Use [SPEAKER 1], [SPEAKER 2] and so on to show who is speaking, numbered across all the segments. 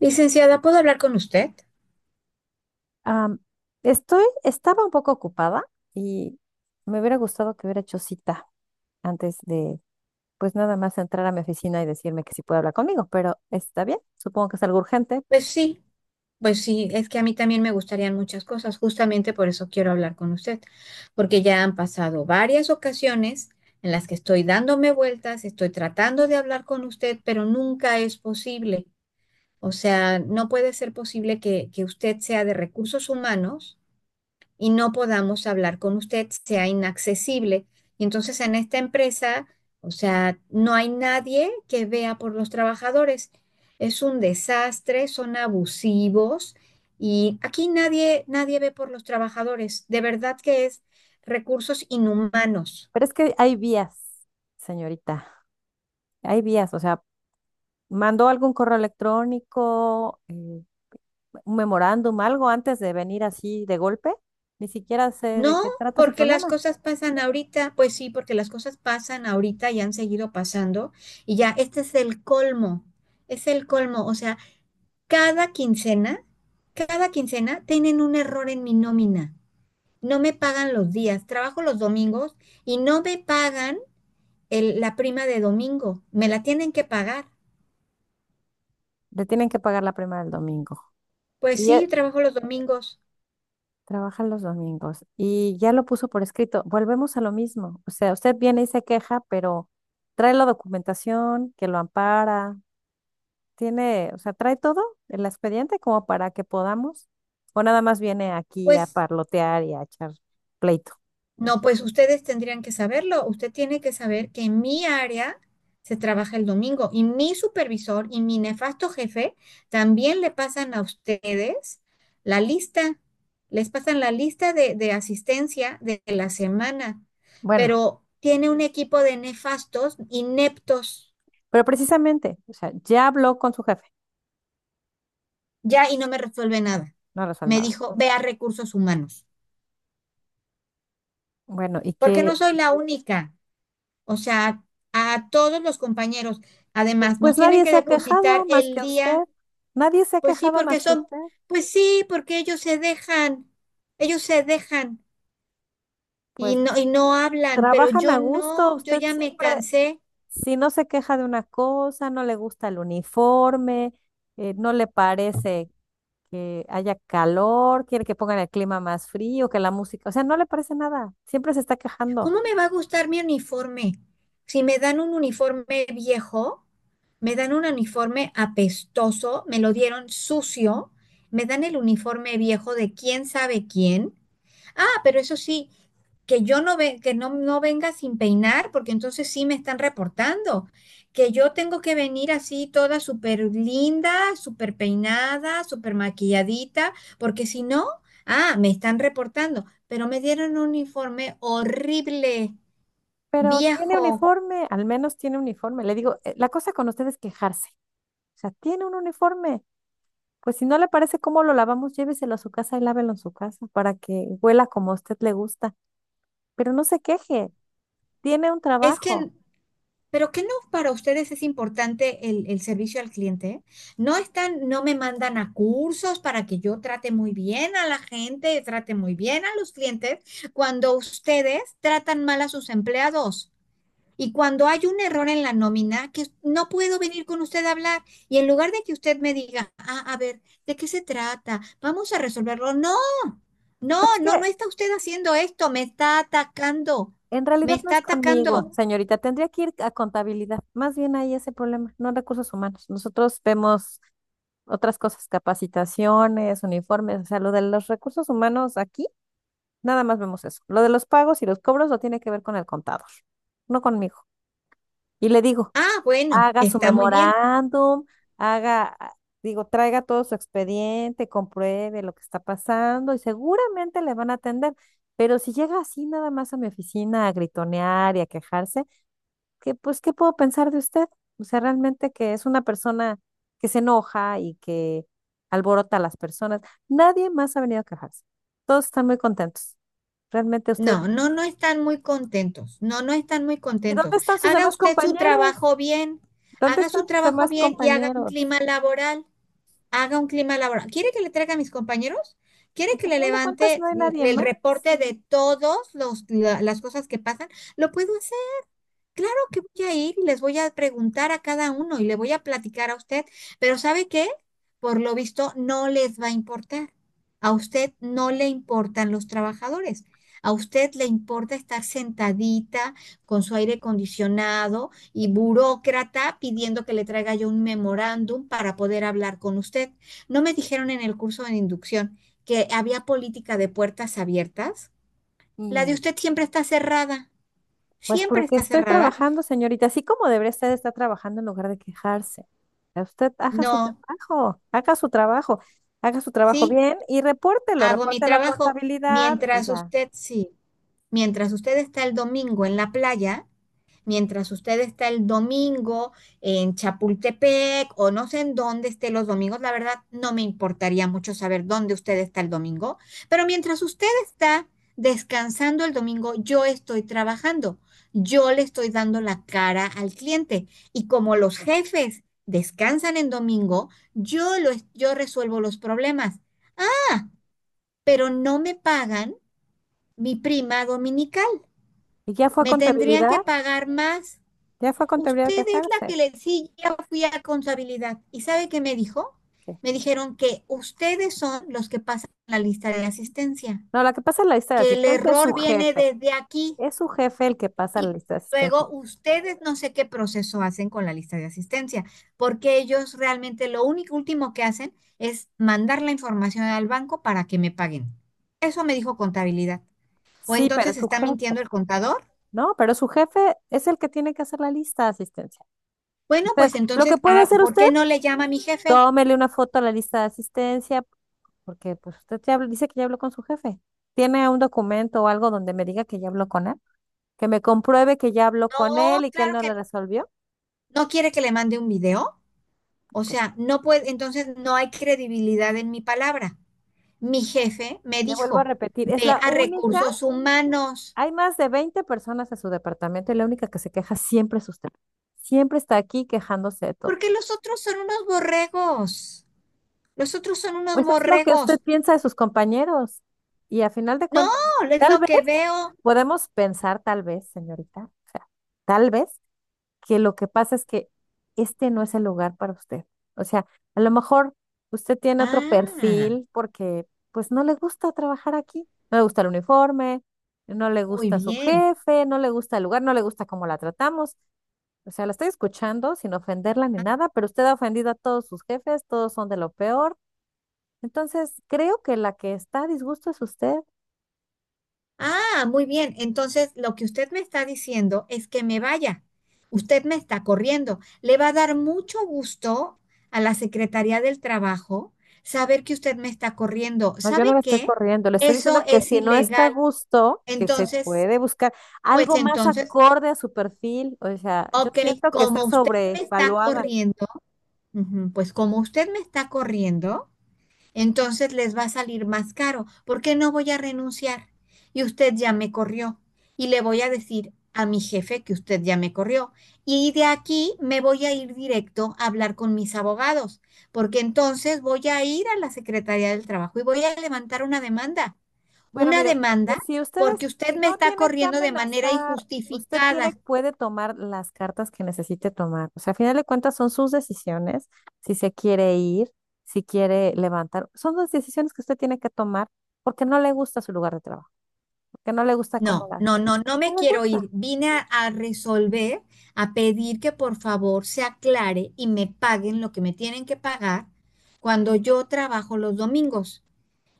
[SPEAKER 1] Licenciada, ¿puedo hablar con usted?
[SPEAKER 2] Am, Estaba un poco ocupada y me hubiera gustado que hubiera hecho cita antes de, pues nada más entrar a mi oficina y decirme que sí puede hablar conmigo, pero está bien, supongo que es algo urgente,
[SPEAKER 1] Pues sí, pues sí, es que a mí también me gustarían muchas cosas, justamente por eso quiero hablar con usted, porque ya han pasado varias ocasiones en las que estoy dándome vueltas, estoy tratando de hablar con usted, pero nunca es posible. O sea, no puede ser posible que usted sea de recursos humanos y no podamos hablar con usted, sea inaccesible. Y entonces en esta empresa, o sea, no hay nadie que vea por los trabajadores. Es un desastre, son abusivos y aquí nadie, nadie ve por los trabajadores. De verdad que es recursos inhumanos.
[SPEAKER 2] pero es que hay vías, señorita, hay vías, o sea, mandó algún correo electrónico, un memorándum, algo antes de venir así de golpe, ni siquiera sé de
[SPEAKER 1] No,
[SPEAKER 2] qué trata su
[SPEAKER 1] porque las
[SPEAKER 2] problema.
[SPEAKER 1] cosas pasan ahorita, pues sí, porque las cosas pasan ahorita y han seguido pasando y ya, este es el colmo, o sea, cada quincena, cada quincena tienen un error en mi nómina. No me pagan los días, trabajo los domingos y no me pagan la prima de domingo. Me la tienen que pagar.
[SPEAKER 2] Le tienen que pagar la prima del domingo.
[SPEAKER 1] Pues
[SPEAKER 2] Y
[SPEAKER 1] sí,
[SPEAKER 2] e-
[SPEAKER 1] trabajo los domingos.
[SPEAKER 2] Trabaja los domingos y ya lo puso por escrito. Volvemos a lo mismo. O sea, usted viene y se queja, pero trae la documentación que lo ampara, tiene, o sea, trae todo el expediente como para que podamos, o nada más viene aquí a
[SPEAKER 1] Pues
[SPEAKER 2] parlotear y a echar pleito.
[SPEAKER 1] no, pues ustedes tendrían que saberlo. Usted tiene que saber que en mi área se trabaja el domingo y mi supervisor y mi nefasto jefe también le pasan a ustedes la lista, les pasan la lista de asistencia de la semana,
[SPEAKER 2] Bueno,
[SPEAKER 1] pero tiene un equipo de nefastos, ineptos,
[SPEAKER 2] pero precisamente, o sea, ya habló con su jefe,
[SPEAKER 1] ya y no me resuelve nada.
[SPEAKER 2] no resuelve
[SPEAKER 1] Me
[SPEAKER 2] nada.
[SPEAKER 1] dijo, ve a recursos humanos,
[SPEAKER 2] Bueno, y
[SPEAKER 1] porque
[SPEAKER 2] que
[SPEAKER 1] no soy la única. O sea, a todos los compañeros. Además, nos
[SPEAKER 2] pues
[SPEAKER 1] tienen
[SPEAKER 2] nadie
[SPEAKER 1] que
[SPEAKER 2] se ha
[SPEAKER 1] depositar
[SPEAKER 2] quejado más
[SPEAKER 1] el
[SPEAKER 2] que usted.
[SPEAKER 1] día,
[SPEAKER 2] Nadie se ha
[SPEAKER 1] pues sí,
[SPEAKER 2] quejado más
[SPEAKER 1] porque
[SPEAKER 2] que
[SPEAKER 1] son,
[SPEAKER 2] usted.
[SPEAKER 1] pues sí, porque ellos se dejan
[SPEAKER 2] Pues
[SPEAKER 1] y no hablan, pero
[SPEAKER 2] trabajan a
[SPEAKER 1] yo
[SPEAKER 2] gusto,
[SPEAKER 1] no, yo
[SPEAKER 2] usted
[SPEAKER 1] ya me
[SPEAKER 2] siempre
[SPEAKER 1] cansé.
[SPEAKER 2] Si no se queja de una cosa, no le gusta el uniforme, no le parece que haya calor, quiere que pongan el clima más frío, que la música, o sea, no le parece nada, siempre se está quejando,
[SPEAKER 1] ¿Cómo me va a gustar mi uniforme? Si me dan un uniforme viejo, me dan un uniforme apestoso, me lo dieron sucio, me dan el uniforme viejo de quién sabe quién. Ah, pero eso sí, que yo no ve, que no, no venga sin peinar, porque entonces sí me están reportando. Que yo tengo que venir así toda súper linda, súper peinada, súper maquilladita, porque si no, ah, me están reportando. Pero me dieron un informe horrible,
[SPEAKER 2] pero tiene
[SPEAKER 1] viejo.
[SPEAKER 2] uniforme, al menos tiene uniforme. Le digo: la cosa con usted es quejarse, o sea, tiene un uniforme, pues si no le parece cómo lo lavamos, lléveselo a su casa y lávelo en su casa para que huela como a usted le gusta, pero no se queje, tiene un
[SPEAKER 1] Es
[SPEAKER 2] trabajo".
[SPEAKER 1] que pero ¿qué no para ustedes es importante el servicio al cliente? No están, no me mandan a cursos para que yo trate muy bien a la gente, trate muy bien a los clientes, cuando ustedes tratan mal a sus empleados. Y cuando hay un error en la nómina, que no puedo venir con usted a hablar. Y en lugar de que usted me diga, ah, a ver, ¿de qué se trata? Vamos a resolverlo. No, no,
[SPEAKER 2] Pero es que
[SPEAKER 1] no, no está usted haciendo esto, me está atacando,
[SPEAKER 2] En
[SPEAKER 1] me
[SPEAKER 2] realidad no
[SPEAKER 1] está
[SPEAKER 2] es conmigo,
[SPEAKER 1] atacando.
[SPEAKER 2] señorita. Tendría que ir a contabilidad. Más bien ahí ese problema, no en recursos humanos. Nosotros vemos otras cosas, capacitaciones, uniformes, o sea, lo de los recursos humanos aquí, nada más vemos eso. Lo de los pagos y los cobros lo tiene que ver con el contador, no conmigo. Y le digo,
[SPEAKER 1] Ah, bueno,
[SPEAKER 2] haga su
[SPEAKER 1] está muy bien.
[SPEAKER 2] memorándum, haga, ah, digo, traiga todo su expediente, compruebe lo que está pasando y seguramente le van a atender. Pero si llega así nada más a mi oficina a gritonear y a quejarse, que pues, ¿qué puedo pensar de usted? O sea, realmente que es una persona que se enoja y que alborota a las personas. Nadie más ha venido a quejarse. Todos están muy contentos. Realmente usted.
[SPEAKER 1] No, no, no están muy contentos. No, no están muy
[SPEAKER 2] ¿Y dónde
[SPEAKER 1] contentos.
[SPEAKER 2] están sus
[SPEAKER 1] Haga
[SPEAKER 2] demás
[SPEAKER 1] usted su
[SPEAKER 2] compañeros?
[SPEAKER 1] trabajo bien.
[SPEAKER 2] ¿Dónde
[SPEAKER 1] Haga
[SPEAKER 2] están
[SPEAKER 1] su
[SPEAKER 2] sus
[SPEAKER 1] trabajo
[SPEAKER 2] demás
[SPEAKER 1] bien y haga un
[SPEAKER 2] compañeros?
[SPEAKER 1] clima laboral. Haga un clima laboral. ¿Quiere que le traiga a mis compañeros? ¿Quiere
[SPEAKER 2] Pues
[SPEAKER 1] que
[SPEAKER 2] a
[SPEAKER 1] le
[SPEAKER 2] final de cuentas
[SPEAKER 1] levante
[SPEAKER 2] no hay nadie
[SPEAKER 1] el
[SPEAKER 2] más.
[SPEAKER 1] reporte de todas las cosas que pasan? Lo puedo. Claro que voy a ir y les voy a preguntar a cada uno y le voy a platicar a usted, pero ¿sabe qué? Por lo visto no les va a importar. A usted no le importan los trabajadores. A usted le importa estar sentadita con su aire acondicionado y burócrata pidiendo que le traiga yo un memorándum para poder hablar con usted. ¿No me dijeron en el curso de inducción que había política de puertas abiertas? La de
[SPEAKER 2] Mm,
[SPEAKER 1] usted siempre está cerrada.
[SPEAKER 2] Pues
[SPEAKER 1] Siempre
[SPEAKER 2] porque
[SPEAKER 1] está
[SPEAKER 2] estoy
[SPEAKER 1] cerrada.
[SPEAKER 2] trabajando, señorita, así como debería usted estar trabajando en lugar de quejarse. Usted haga su
[SPEAKER 1] No.
[SPEAKER 2] trabajo, haga su trabajo, haga su trabajo
[SPEAKER 1] Sí,
[SPEAKER 2] bien y repórtelo,
[SPEAKER 1] hago mi
[SPEAKER 2] repórtelo a
[SPEAKER 1] trabajo.
[SPEAKER 2] contabilidad y
[SPEAKER 1] Mientras
[SPEAKER 2] ya.
[SPEAKER 1] usted, sí, mientras usted está el domingo en la playa, mientras usted está el domingo en Chapultepec o no sé en dónde esté los domingos, la verdad no me importaría mucho saber dónde usted está el domingo, pero mientras usted está descansando el domingo, yo estoy trabajando. Yo le estoy dando la cara al cliente y como los jefes descansan en domingo, yo resuelvo los problemas pero no me pagan mi prima dominical.
[SPEAKER 2] Y ya fue a
[SPEAKER 1] Me tendrían
[SPEAKER 2] contabilidad,
[SPEAKER 1] que pagar más.
[SPEAKER 2] ya fue a contabilidad a
[SPEAKER 1] Usted es la
[SPEAKER 2] quejarse.
[SPEAKER 1] que le sí, ya fui a contabilidad. ¿Y sabe qué me dijo?
[SPEAKER 2] ¿Qué?
[SPEAKER 1] Me dijeron que ustedes son los que pasan la lista de asistencia,
[SPEAKER 2] No, la que pasa en la lista de
[SPEAKER 1] que el
[SPEAKER 2] asistencia es
[SPEAKER 1] error
[SPEAKER 2] su
[SPEAKER 1] viene
[SPEAKER 2] jefe.
[SPEAKER 1] desde aquí
[SPEAKER 2] Es su jefe el que pasa la
[SPEAKER 1] y
[SPEAKER 2] lista de asistencia.
[SPEAKER 1] luego ustedes no sé qué proceso hacen con la lista de asistencia, porque ellos realmente lo único último que hacen es mandar la información al banco para que me paguen. Eso me dijo contabilidad. O
[SPEAKER 2] Sí, pero
[SPEAKER 1] entonces
[SPEAKER 2] es su
[SPEAKER 1] está
[SPEAKER 2] jefe.
[SPEAKER 1] mintiendo el contador.
[SPEAKER 2] No, pero su jefe es el que tiene que hacer la lista de asistencia.
[SPEAKER 1] Bueno,
[SPEAKER 2] Usted,
[SPEAKER 1] pues
[SPEAKER 2] lo
[SPEAKER 1] entonces,
[SPEAKER 2] que puede
[SPEAKER 1] ah,
[SPEAKER 2] hacer
[SPEAKER 1] ¿por
[SPEAKER 2] usted,
[SPEAKER 1] qué no le llama a mi jefe?
[SPEAKER 2] tómele una foto a la lista de asistencia. Porque pues dice que ya habló con su jefe. ¿Tiene un documento o algo donde me diga que ya habló con él? Que me compruebe que ya habló con
[SPEAKER 1] No,
[SPEAKER 2] él y que él
[SPEAKER 1] claro
[SPEAKER 2] no
[SPEAKER 1] que
[SPEAKER 2] lo
[SPEAKER 1] no.
[SPEAKER 2] resolvió.
[SPEAKER 1] ¿No quiere que le mande un video? O
[SPEAKER 2] Pues,
[SPEAKER 1] sea, no puede, entonces no hay credibilidad en mi palabra. Mi jefe me
[SPEAKER 2] le vuelvo a
[SPEAKER 1] dijo,
[SPEAKER 2] repetir, es
[SPEAKER 1] ve
[SPEAKER 2] la
[SPEAKER 1] a
[SPEAKER 2] única,
[SPEAKER 1] recursos humanos,
[SPEAKER 2] hay más de 20 personas en su departamento y la única que se queja siempre es usted. Siempre está aquí quejándose de todo.
[SPEAKER 1] porque los otros son unos borregos. Los otros son unos
[SPEAKER 2] Pues es lo que usted
[SPEAKER 1] borregos.
[SPEAKER 2] piensa de sus compañeros. Y a final de
[SPEAKER 1] No,
[SPEAKER 2] cuentas,
[SPEAKER 1] es
[SPEAKER 2] tal
[SPEAKER 1] lo
[SPEAKER 2] vez
[SPEAKER 1] que veo.
[SPEAKER 2] podemos pensar, tal vez, señorita, o sea, tal vez que lo que pasa es que este no es el lugar para usted. O sea, a lo mejor usted tiene otro
[SPEAKER 1] Ah,
[SPEAKER 2] perfil porque pues no le gusta trabajar aquí, no le gusta el uniforme, no le
[SPEAKER 1] muy
[SPEAKER 2] gusta su
[SPEAKER 1] bien.
[SPEAKER 2] jefe, no le gusta el lugar, no le gusta cómo la tratamos. O sea, la estoy escuchando sin ofenderla ni nada, pero usted ha ofendido a todos sus jefes, todos son de lo peor. Entonces, creo que la que está a disgusto es usted.
[SPEAKER 1] Ah, muy bien. Entonces, lo que usted me está diciendo es que me vaya. Usted me está corriendo. Le va a dar mucho gusto a la Secretaría del Trabajo saber que usted me está corriendo.
[SPEAKER 2] No, yo no
[SPEAKER 1] ¿Sabe
[SPEAKER 2] la estoy
[SPEAKER 1] qué?
[SPEAKER 2] corriendo, le estoy
[SPEAKER 1] Eso
[SPEAKER 2] diciendo que
[SPEAKER 1] es
[SPEAKER 2] si no está a
[SPEAKER 1] ilegal.
[SPEAKER 2] gusto, que se
[SPEAKER 1] Entonces,
[SPEAKER 2] puede buscar
[SPEAKER 1] pues
[SPEAKER 2] algo más
[SPEAKER 1] entonces,
[SPEAKER 2] acorde a su perfil. O sea, yo
[SPEAKER 1] ok,
[SPEAKER 2] siento que está
[SPEAKER 1] como usted me está
[SPEAKER 2] sobrevaluada.
[SPEAKER 1] corriendo, ujú, pues como usted me está corriendo, entonces les va a salir más caro. ¿Por qué no voy a renunciar? Y usted ya me corrió. Y le voy a decir a mi jefe que usted ya me corrió. Y de aquí me voy a ir directo a hablar con mis abogados, porque entonces voy a ir a la Secretaría del Trabajo y voy a levantar una demanda.
[SPEAKER 2] Bueno,
[SPEAKER 1] Una
[SPEAKER 2] mire,
[SPEAKER 1] demanda
[SPEAKER 2] si ustedes
[SPEAKER 1] porque usted me
[SPEAKER 2] no
[SPEAKER 1] está
[SPEAKER 2] tiene que
[SPEAKER 1] corriendo de manera
[SPEAKER 2] amenazar, usted tiene,
[SPEAKER 1] injustificada.
[SPEAKER 2] puede tomar las cartas que necesite tomar. O sea, a final de cuentas son sus decisiones, si se quiere ir, si quiere levantar, son las decisiones que usted tiene que tomar porque no le gusta su lugar de trabajo, porque no le gusta cómo
[SPEAKER 1] No,
[SPEAKER 2] la,
[SPEAKER 1] no, no, no me
[SPEAKER 2] no le
[SPEAKER 1] quiero
[SPEAKER 2] gusta.
[SPEAKER 1] ir. Vine a resolver, a pedir que por favor se aclare y me paguen lo que me tienen que pagar cuando yo trabajo los domingos.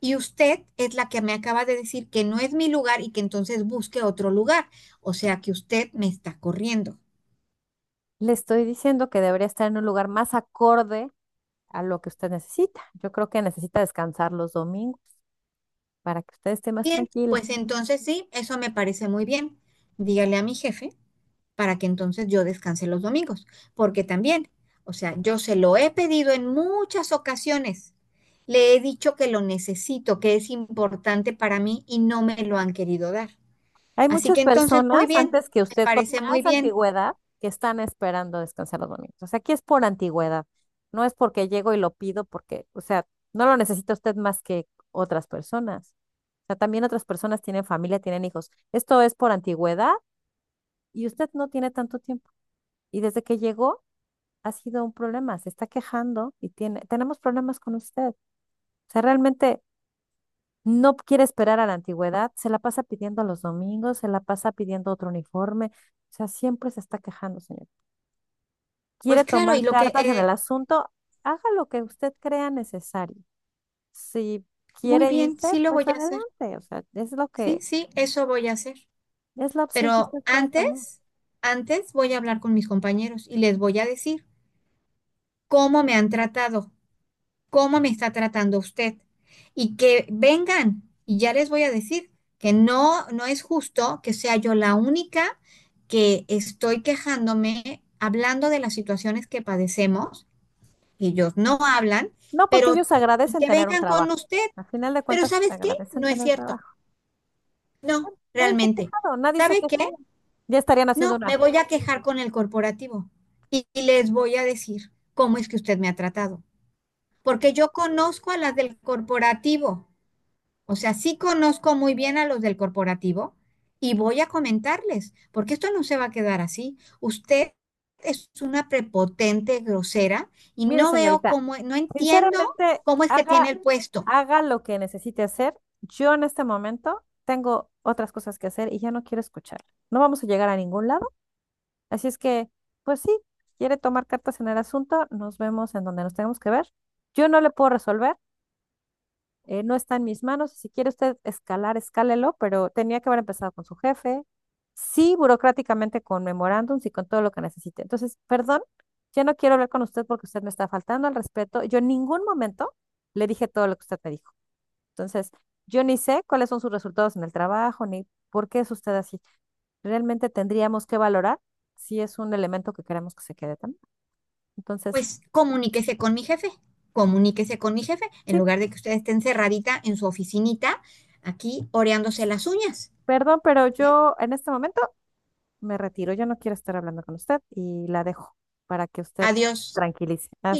[SPEAKER 1] Y usted es la que me acaba de decir que no es mi lugar y que entonces busque otro lugar. O sea que usted me está corriendo.
[SPEAKER 2] Le estoy diciendo que debería estar en un lugar más acorde a lo que usted necesita. Yo creo que necesita descansar los domingos para que usted esté más
[SPEAKER 1] Bien,
[SPEAKER 2] tranquila.
[SPEAKER 1] pues entonces sí, eso me parece muy bien. Dígale a mi jefe para que entonces yo descanse los domingos, porque también, o sea, yo se lo he pedido en muchas ocasiones, le he dicho que lo necesito, que es importante para mí y no me lo han querido dar.
[SPEAKER 2] Hay
[SPEAKER 1] Así
[SPEAKER 2] muchas
[SPEAKER 1] que entonces, muy
[SPEAKER 2] personas
[SPEAKER 1] bien,
[SPEAKER 2] antes que
[SPEAKER 1] me
[SPEAKER 2] usted con
[SPEAKER 1] parece muy
[SPEAKER 2] más
[SPEAKER 1] bien.
[SPEAKER 2] antigüedad que están esperando descansar los domingos. O sea, aquí es por antigüedad. No es porque llego y lo pido porque, o sea, no lo necesita usted más que otras personas. O sea, también otras personas tienen familia, tienen hijos. Esto es por antigüedad y usted no tiene tanto tiempo. Y desde que llegó, ha sido un problema, se está quejando y tiene, tenemos problemas con usted. O sea, realmente no quiere esperar a la antigüedad, se la pasa pidiendo los domingos, se la pasa pidiendo otro uniforme, o sea, siempre se está quejando, señor. Quiere
[SPEAKER 1] Pues claro,
[SPEAKER 2] tomar
[SPEAKER 1] y lo que,
[SPEAKER 2] cartas en el asunto, haga lo que usted crea necesario. Si
[SPEAKER 1] muy
[SPEAKER 2] quiere
[SPEAKER 1] bien,
[SPEAKER 2] irse,
[SPEAKER 1] sí lo
[SPEAKER 2] pues
[SPEAKER 1] voy a hacer,
[SPEAKER 2] adelante, o sea, es lo
[SPEAKER 1] sí,
[SPEAKER 2] que,
[SPEAKER 1] sí, eso voy a hacer.
[SPEAKER 2] es la opción que
[SPEAKER 1] Pero
[SPEAKER 2] usted pueda tomar.
[SPEAKER 1] antes, antes voy a hablar con mis compañeros y les voy a decir cómo me han tratado, cómo me está tratando usted. Y que vengan, y ya les voy a decir que no, no es justo que sea yo la única que estoy quejándome, hablando de las situaciones que padecemos, ellos no hablan,
[SPEAKER 2] No, porque
[SPEAKER 1] pero
[SPEAKER 2] ellos
[SPEAKER 1] y
[SPEAKER 2] agradecen
[SPEAKER 1] que
[SPEAKER 2] tener un
[SPEAKER 1] vengan con
[SPEAKER 2] trabajo.
[SPEAKER 1] usted,
[SPEAKER 2] Al final de
[SPEAKER 1] pero
[SPEAKER 2] cuentas,
[SPEAKER 1] ¿sabes qué?
[SPEAKER 2] agradecen
[SPEAKER 1] No es
[SPEAKER 2] tener
[SPEAKER 1] cierto,
[SPEAKER 2] trabajo.
[SPEAKER 1] no,
[SPEAKER 2] Nadie se ha
[SPEAKER 1] realmente.
[SPEAKER 2] quejado, nadie se ha
[SPEAKER 1] ¿Sabe qué?
[SPEAKER 2] quejado. Ya estarían haciendo
[SPEAKER 1] No, me
[SPEAKER 2] una.
[SPEAKER 1] voy a quejar con el corporativo y les voy a decir cómo es que usted me ha tratado, porque yo conozco a las del corporativo. O sea, sí conozco muy bien a los del corporativo y voy a comentarles, porque esto no se va a quedar así. Usted es una prepotente, grosera, y
[SPEAKER 2] Mire,
[SPEAKER 1] no veo
[SPEAKER 2] señorita,
[SPEAKER 1] cómo, no entiendo
[SPEAKER 2] sinceramente,
[SPEAKER 1] cómo es que tiene
[SPEAKER 2] haga,
[SPEAKER 1] el puesto.
[SPEAKER 2] haga lo que necesite hacer. Yo en este momento tengo otras cosas que hacer y ya no quiero escuchar. No vamos a llegar a ningún lado. Así es que, pues sí, quiere tomar cartas en el asunto, nos vemos en donde nos tenemos que ver. Yo no le puedo resolver, no está en mis manos. Si quiere usted escalar, escálelo, pero tenía que haber empezado con su jefe, sí, burocráticamente con memorándums y con todo lo que necesite. Entonces, perdón, ya no quiero hablar con usted porque usted me está faltando al respeto. Yo en ningún momento le dije todo lo que usted me dijo. Entonces, yo ni sé cuáles son sus resultados en el trabajo, ni por qué es usted así. Realmente tendríamos que valorar si es un elemento que queremos que se quede también. Entonces,
[SPEAKER 1] Pues comuníquese con mi jefe, comuníquese con mi jefe, en
[SPEAKER 2] sí,
[SPEAKER 1] lugar de que usted esté encerradita en su oficinita, aquí oreándose las uñas.
[SPEAKER 2] perdón, pero
[SPEAKER 1] ¿Eh?
[SPEAKER 2] yo en este momento me retiro, yo no quiero estar hablando con usted y la dejo para que usted
[SPEAKER 1] Adiós.
[SPEAKER 2] tranquilice. Hasta